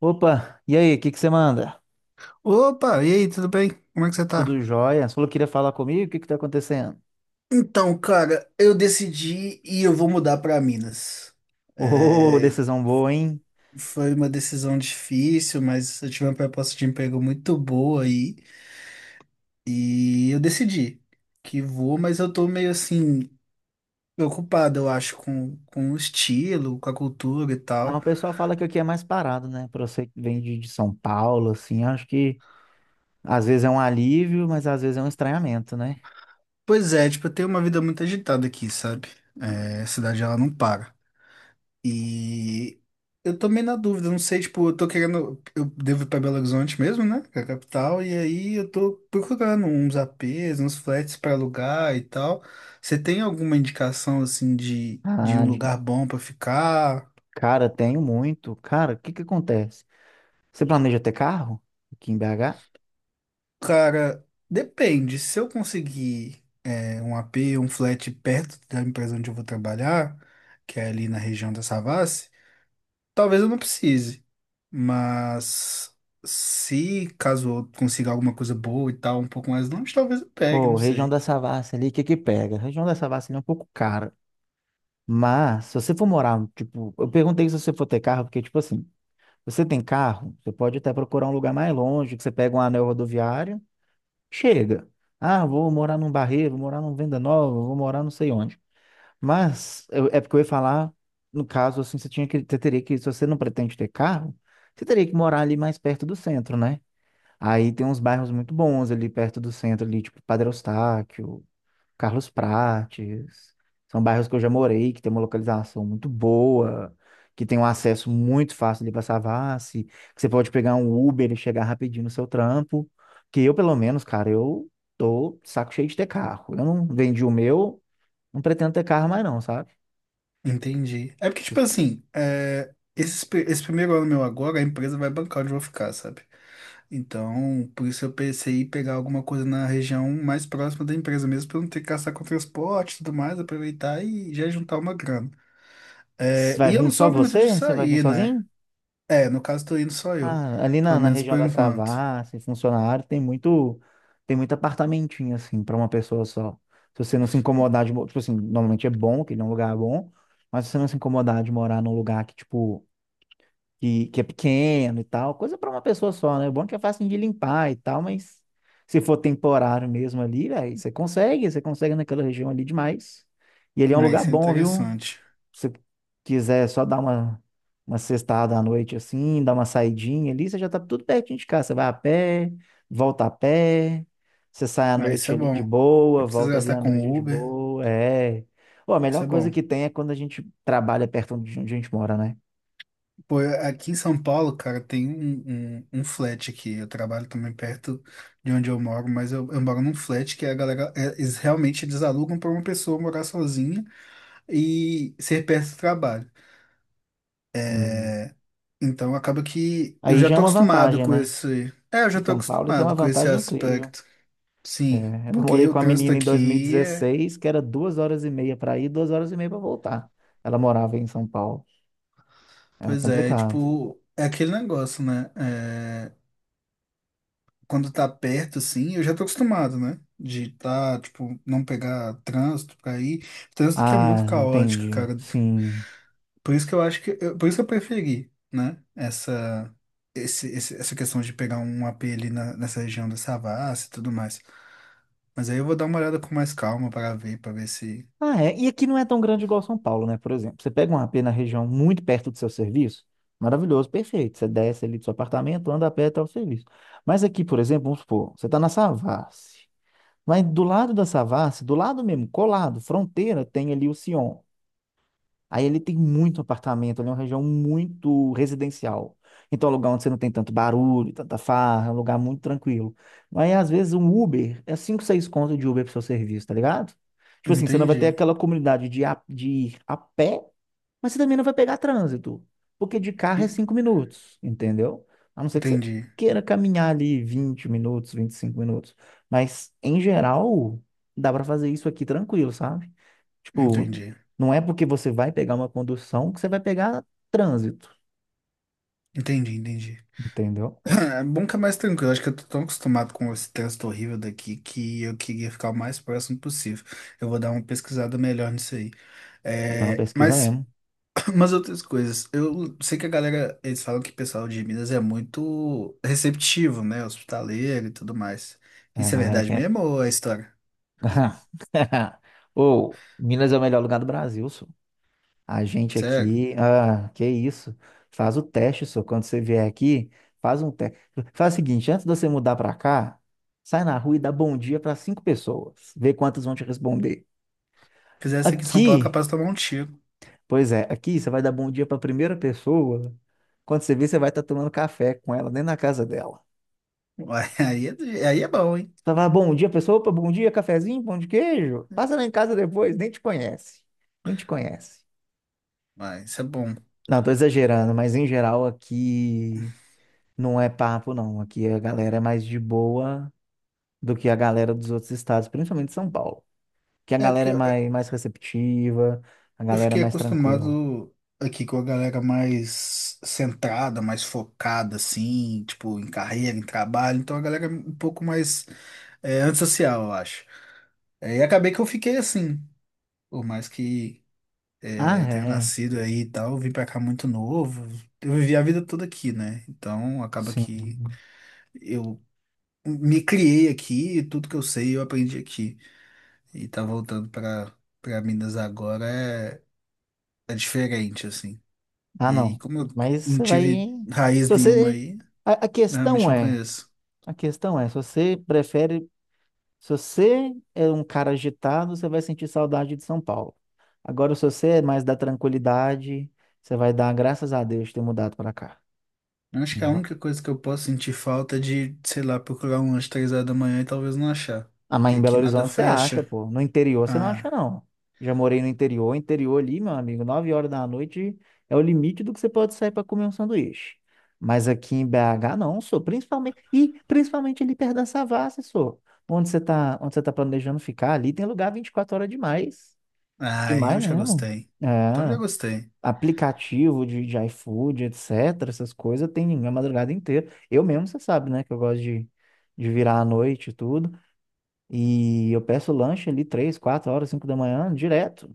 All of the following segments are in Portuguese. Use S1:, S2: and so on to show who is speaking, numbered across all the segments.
S1: Opa, e aí, o que que você manda?
S2: Opa, e aí, tudo bem? Como é que você
S1: Tudo
S2: tá?
S1: jóia? Você falou que queria falar comigo? O que que tá acontecendo?
S2: Então, cara, eu decidi e eu vou mudar para Minas.
S1: Ô,
S2: É,
S1: decisão boa, hein?
S2: foi uma decisão difícil, mas eu tive uma proposta de emprego muito boa aí e eu decidi que vou, mas eu tô meio assim preocupado, eu acho, com o estilo, com a cultura e
S1: Ah,
S2: tal.
S1: o pessoal fala que aqui é mais parado, né? Pra você que vem de São Paulo, assim, acho que às vezes é um alívio, mas às vezes é um estranhamento, né?
S2: Pois é, tipo, eu tenho uma vida muito agitada aqui, sabe? É, a cidade ela não para. E eu também na dúvida, não sei, tipo, eu tô querendo, eu devo ir pra Belo Horizonte mesmo, né, que é a capital, e aí eu tô procurando uns APs, uns flats pra alugar e tal. Você tem alguma indicação, assim, de um
S1: Ah, de-
S2: lugar bom pra ficar?
S1: Cara, tenho muito. Cara, o que que acontece? Você planeja ter carro aqui em BH?
S2: Cara, depende, se eu conseguir é, um AP, um flat perto da empresa onde eu vou trabalhar, que é ali na região da Savassi, talvez eu não precise, mas se caso eu consiga alguma coisa boa e tal, um pouco mais longe, talvez eu pegue,
S1: Pô,
S2: não
S1: região
S2: sei.
S1: da Savassi ali, o que que pega? A região da Savassi ali é um pouco cara. Mas se você for morar, tipo, eu perguntei se você for ter carro, porque, tipo assim, você tem carro? Você pode até procurar um lugar mais longe, que você pega um anel rodoviário, chega. Ah, vou morar num Barreiro, vou morar num Venda Nova, vou morar não sei onde. É porque eu ia falar, no caso, assim, você tinha que, você teria que, se você não pretende ter carro, você teria que morar ali mais perto do centro, né? Aí tem uns bairros muito bons ali perto do centro, ali, tipo Padre Eustáquio, Carlos Prates. São bairros que eu já morei, que tem uma localização muito boa, que tem um acesso muito fácil ali para Savassi, que você pode pegar um Uber e chegar rapidinho no seu trampo. Que eu, pelo menos, cara, eu tô saco cheio de ter carro. Eu não vendi o meu, não pretendo ter carro mais não, sabe?
S2: Entendi. É porque, tipo
S1: Se-
S2: assim, é, esse primeiro ano meu agora, a empresa vai bancar onde eu vou ficar, sabe? Então, por isso eu pensei em pegar alguma coisa na região mais próxima da empresa mesmo, pra eu não ter que gastar com transporte e tudo mais, aproveitar e já juntar uma grana.
S1: se
S2: É,
S1: Vai
S2: e eu
S1: vir
S2: não
S1: só
S2: sou muito
S1: você?
S2: de
S1: Você vai vir
S2: sair, né?
S1: sozinho?
S2: É, no caso, tô indo só eu,
S1: Ah, ali
S2: pelo
S1: na
S2: menos
S1: região
S2: por
S1: da
S2: enquanto.
S1: Savassi, e Funcionário, tem muito apartamentinho, assim, para uma pessoa só. Se você não se incomodar de... mo- Tipo assim, normalmente é bom, que ele é um lugar bom, mas se você não se incomodar de morar num lugar que, tipo, que é pequeno e tal, coisa para uma pessoa só, né? O bom é que é fácil de limpar e tal, mas se for temporário mesmo ali, velho, você consegue naquela região ali demais. E ele é um
S2: Ah,
S1: lugar
S2: isso é
S1: bom, viu?
S2: interessante.
S1: Você quiser só dar uma sextada à noite assim, dar uma saidinha ali, você já tá tudo pertinho de casa. Você vai a pé, volta a pé, você sai à
S2: Ah, isso
S1: noite
S2: é
S1: ali
S2: bom.
S1: de
S2: Não
S1: boa,
S2: precisa
S1: volta ali
S2: gastar
S1: à
S2: com
S1: noite de
S2: Uber.
S1: boa. É. Pô, a
S2: Isso
S1: melhor
S2: é
S1: coisa
S2: bom.
S1: que tem é quando a gente trabalha perto de onde a gente mora, né?
S2: Pô, aqui em São Paulo, cara, tem um flat aqui. Eu trabalho também perto de onde eu moro, mas eu moro num flat que a galera, é, eles, realmente eles alugam para uma pessoa morar sozinha e ser perto do trabalho.
S1: Hum.
S2: É, então acaba que eu
S1: Aí
S2: já
S1: já é
S2: tô
S1: uma
S2: acostumado
S1: vantagem,
S2: com
S1: né?
S2: esse. É, eu
S1: Em
S2: já tô
S1: São Paulo, isso é uma
S2: acostumado com esse
S1: vantagem incrível.
S2: aspecto. Sim,
S1: É, eu
S2: porque
S1: namorei
S2: o
S1: com uma
S2: trânsito
S1: menina em
S2: aqui é.
S1: 2016 que era 2 horas e meia para ir, 2 horas e meia para voltar. Ela morava em São Paulo. Era
S2: Pois é,
S1: complicado.
S2: tipo, é aquele negócio, né? É, quando tá perto, assim, eu já tô acostumado, né? De tá, tipo, não pegar trânsito pra ir. Trânsito que é
S1: Ah,
S2: muito caótico,
S1: entendi.
S2: cara.
S1: Sim.
S2: Por isso que eu preferi, né? Essa questão de pegar um AP nessa região da Savassi e tudo mais. Mas aí eu vou dar uma olhada com mais calma para ver se.
S1: Ah, é. E aqui não é tão grande igual São Paulo, né? Por exemplo, você pega um AP na região muito perto do seu serviço, maravilhoso, perfeito. Você desce ali do seu apartamento, anda a pé até o serviço. Mas aqui, por exemplo, vamos supor, você está na Savassi. Mas do lado da Savassi, do lado mesmo, colado, fronteira, tem ali o Sion. Aí ele tem muito apartamento, ali é uma região muito residencial. Então é um lugar onde você não tem tanto barulho, tanta farra, é um lugar muito tranquilo. Mas às vezes um Uber é 5, 6 contas de Uber pro seu serviço, tá ligado? Tipo assim, você não vai
S2: Entendi.
S1: ter aquela comunidade de ir a pé, mas você também não vai pegar trânsito, porque de carro é
S2: En-
S1: 5 minutos, entendeu? A não ser que você
S2: Entendi.
S1: queira caminhar ali 20 minutos, 25 minutos. Mas em geral, dá pra fazer isso aqui tranquilo, sabe? Tipo,
S2: Entendi.
S1: não é porque você vai pegar uma condução que você vai pegar trânsito,
S2: Entendi.
S1: entendeu?
S2: É bom que é mais tranquilo. Acho que eu tô tão acostumado com esse texto horrível daqui que eu queria ficar o mais próximo possível. Eu vou dar uma pesquisada melhor nisso aí.
S1: Não, é
S2: É,
S1: pesquisa
S2: mas
S1: mesmo.
S2: umas outras coisas. Eu sei que a galera, eles falam que o pessoal de Minas é muito receptivo, né? Hospitaleiro e tudo mais.
S1: É a
S2: Isso é
S1: galera
S2: verdade
S1: que é.
S2: mesmo ou é história?
S1: Ô, Minas é o melhor lugar do Brasil, só. A gente
S2: Sério?
S1: aqui, ah, que isso. Faz o teste, só. Quando você vier aqui, faz um teste. Faz o seguinte, antes de você mudar pra cá, sai na rua e dá bom dia pra cinco pessoas. Vê quantas vão te responder.
S2: Fizesse aqui em São Paulo, é
S1: Aqui,
S2: capaz de tomar um tiro.
S1: pois é, aqui você vai dar bom dia para a primeira pessoa. Quando você vê, você vai estar tomando café com ela dentro da casa dela.
S2: Uai, aí é bom, hein?
S1: Você vai, bom dia, pessoa, opa, bom dia, cafezinho, pão de queijo. Passa lá em casa depois, nem te conhece. Nem te conhece.
S2: Mas isso é bom.
S1: Não, tô exagerando, mas em geral aqui não é papo, não. Aqui a galera é mais de boa do que a galera dos outros estados, principalmente São Paulo. Que a
S2: É, porque
S1: galera é
S2: eu
S1: mais, mais receptiva, a
S2: eu
S1: galera é
S2: fiquei
S1: mais tranquila.
S2: acostumado aqui com a galera mais centrada, mais focada, assim, tipo, em carreira, em trabalho. Então a galera é um pouco mais é, antissocial, eu acho. É, e acabei que eu fiquei assim, por mais que
S1: Ah,
S2: é, eu tenha
S1: é, é.
S2: nascido aí e tal, eu vim pra cá muito novo. Eu vivi a vida toda aqui, né? Então acaba que
S1: Sim.
S2: eu me criei aqui, e tudo que eu sei eu aprendi aqui. E tá voltando pra Minas agora é, é diferente, assim. E
S1: Ah,
S2: aí,
S1: não.
S2: como eu
S1: Mas
S2: não
S1: você vai.
S2: tive
S1: Se
S2: raiz nenhuma
S1: você.
S2: aí,
S1: A
S2: eu realmente
S1: questão
S2: não
S1: é.
S2: conheço.
S1: A questão é, se você prefere. Se você é um cara agitado, você vai sentir saudade de São Paulo. Agora, se você é mais da tranquilidade, você vai dar graças a Deus de ter mudado para cá.
S2: Eu acho que a única coisa que eu posso sentir falta é de, sei lá, procurar um lanche 3 horas da manhã e talvez não achar.
S1: Ah, mas
S2: Porque
S1: em Belo
S2: aqui nada
S1: Horizonte você acha,
S2: fecha.
S1: pô. No interior você não acha,
S2: Ah,
S1: não. Já morei no interior, interior ali, meu amigo, 9 horas da noite é o limite do que você pode sair para comer um sanduíche. Mas aqui em BH não, sou principalmente e principalmente ali perto da Savassi, sou. Onde você tá planejando ficar ali, tem lugar 24 horas demais.
S2: ai,
S1: Demais
S2: eu já
S1: mesmo.
S2: gostei. Então já
S1: É.
S2: gostei.
S1: Aplicativo de iFood, etc. Essas coisas tem a madrugada inteira. Eu mesmo, você sabe, né, que eu gosto de virar à noite e tudo. E eu peço lanche ali três, 4 horas, 5 da manhã, direto.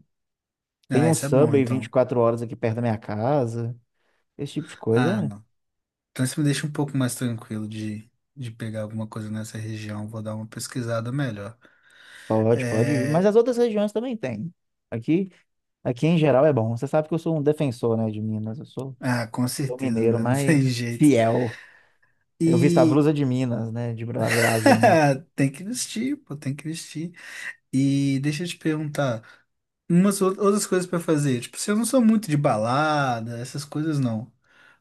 S1: Tem
S2: Ah,
S1: um
S2: isso é bom
S1: Subway vinte e
S2: então.
S1: quatro horas aqui perto da minha casa. Esse tipo de coisa,
S2: Ah,
S1: é.
S2: não. Então isso me deixa um pouco mais tranquilo de pegar alguma coisa nessa região. Vou dar uma pesquisada melhor.
S1: Pode, pode ir. Mas
S2: É...
S1: as outras regiões também tem. Aqui, aqui em geral é bom. Você sabe que eu sou um defensor, né, de Minas. Eu sou,
S2: Ah, com
S1: sou
S2: certeza,
S1: mineiro,
S2: né? Não tem
S1: mas
S2: jeito.
S1: fiel. Eu visto a
S2: E
S1: blusa de Minas, né, de Brasil, não.
S2: tem que vestir, pô, tem que vestir. E deixa eu te perguntar, umas outras coisas pra fazer. Tipo, se eu não sou muito de balada, essas coisas não.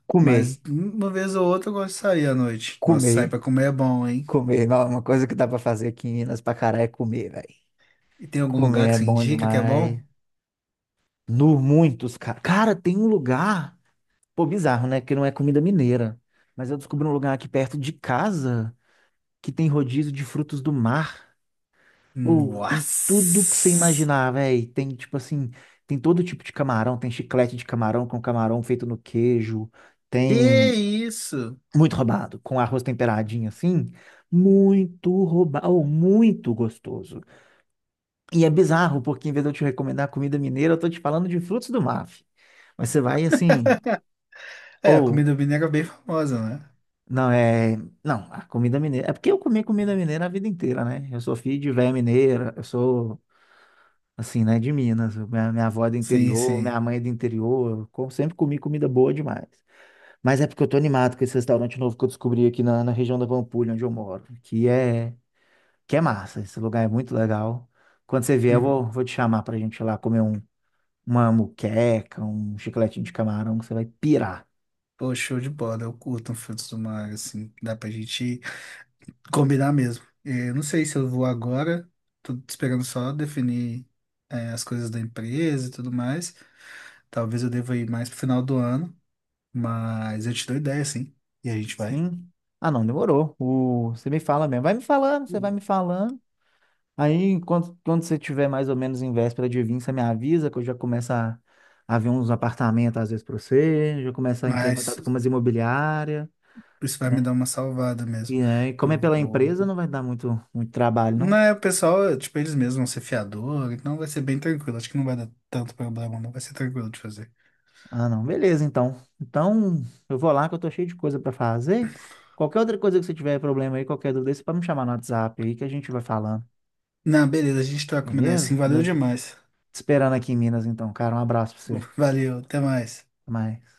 S1: Comer,
S2: Mas uma vez ou outra eu gosto de sair à noite. Nossa, sair
S1: comer,
S2: pra comer é bom, hein?
S1: comer. Não, é uma coisa que dá pra fazer aqui em Minas pra caralho é comer, velho.
S2: E tem algum
S1: Comer
S2: lugar que
S1: é
S2: você
S1: bom
S2: indica que é
S1: demais.
S2: bom?
S1: No muitos, cara. Cara, tem um lugar. Pô, bizarro, né? Que não é comida mineira. Mas eu descobri um lugar aqui perto de casa que tem rodízio de frutos do mar. Pô, tem tudo que você
S2: Nossa!
S1: imaginar, velho. Tem, tipo assim, tem todo tipo de camarão. Tem chiclete de camarão com camarão feito no queijo.
S2: Que
S1: Tem
S2: isso?
S1: muito roubado, com arroz temperadinho assim. Muito roubado, muito gostoso. E é bizarro, porque em vez de eu te recomendar comida mineira, eu tô te falando de frutos do mar. Fi. Mas você vai assim.
S2: É, a
S1: Ou
S2: comida mineira é bem famosa, né?
S1: Não, é. Não, a comida mineira. É porque eu comi comida mineira a vida inteira, né? Eu sou filho de véia mineira, eu sou, assim, né, de Minas. Minha avó é do
S2: Sim,
S1: interior,
S2: sim.
S1: minha mãe é do interior. Sempre comi comida boa demais. Mas é porque eu tô animado com esse restaurante novo que eu descobri aqui na região da Pampulha, onde eu moro, que é massa. Esse lugar é muito legal. Quando você vier, eu
S2: Hum.
S1: vou te chamar pra gente ir lá comer uma muqueca, um chicletinho de camarão, que você vai pirar.
S2: Pô, show de bola. Eu curto um frutos do mar, assim. Dá pra gente ir. Combinar mesmo. É, não sei se eu vou agora, tô esperando só definir, é, as coisas da empresa e tudo mais. Talvez eu deva ir mais pro final do ano, mas eu te dou ideia, sim. E a gente vai.
S1: Sim. Ah, não, demorou. O... Você me fala mesmo. Vai me falando, você vai me falando. Aí, quando você tiver mais ou menos em véspera de vir, você me avisa que eu já começo a ver uns apartamentos às vezes para você, já começo a entrar em
S2: Mas
S1: contato com umas imobiliárias,
S2: isso vai me dar
S1: né?
S2: uma salvada mesmo.
S1: E aí, como é
S2: Eu
S1: pela empresa,
S2: vou.
S1: não vai dar muito, muito trabalho,
S2: Não
S1: não?
S2: é, o pessoal, tipo, eles mesmos vão ser fiador, então vai ser bem tranquilo. Acho que não vai dar tanto problema, não vai ser tranquilo de fazer.
S1: Ah, não. Beleza, então. Então, eu vou lá que eu tô cheio de coisa para fazer. Qualquer outra coisa que você tiver problema aí, qualquer dúvida, você pode me chamar no WhatsApp aí que a gente vai falando,
S2: Não, beleza, a gente troca uma ideia assim.
S1: beleza?
S2: Valeu
S1: No-
S2: demais.
S1: Te esperando aqui em Minas, então, cara. Um abraço pra você.
S2: Valeu, até mais.
S1: Até mais.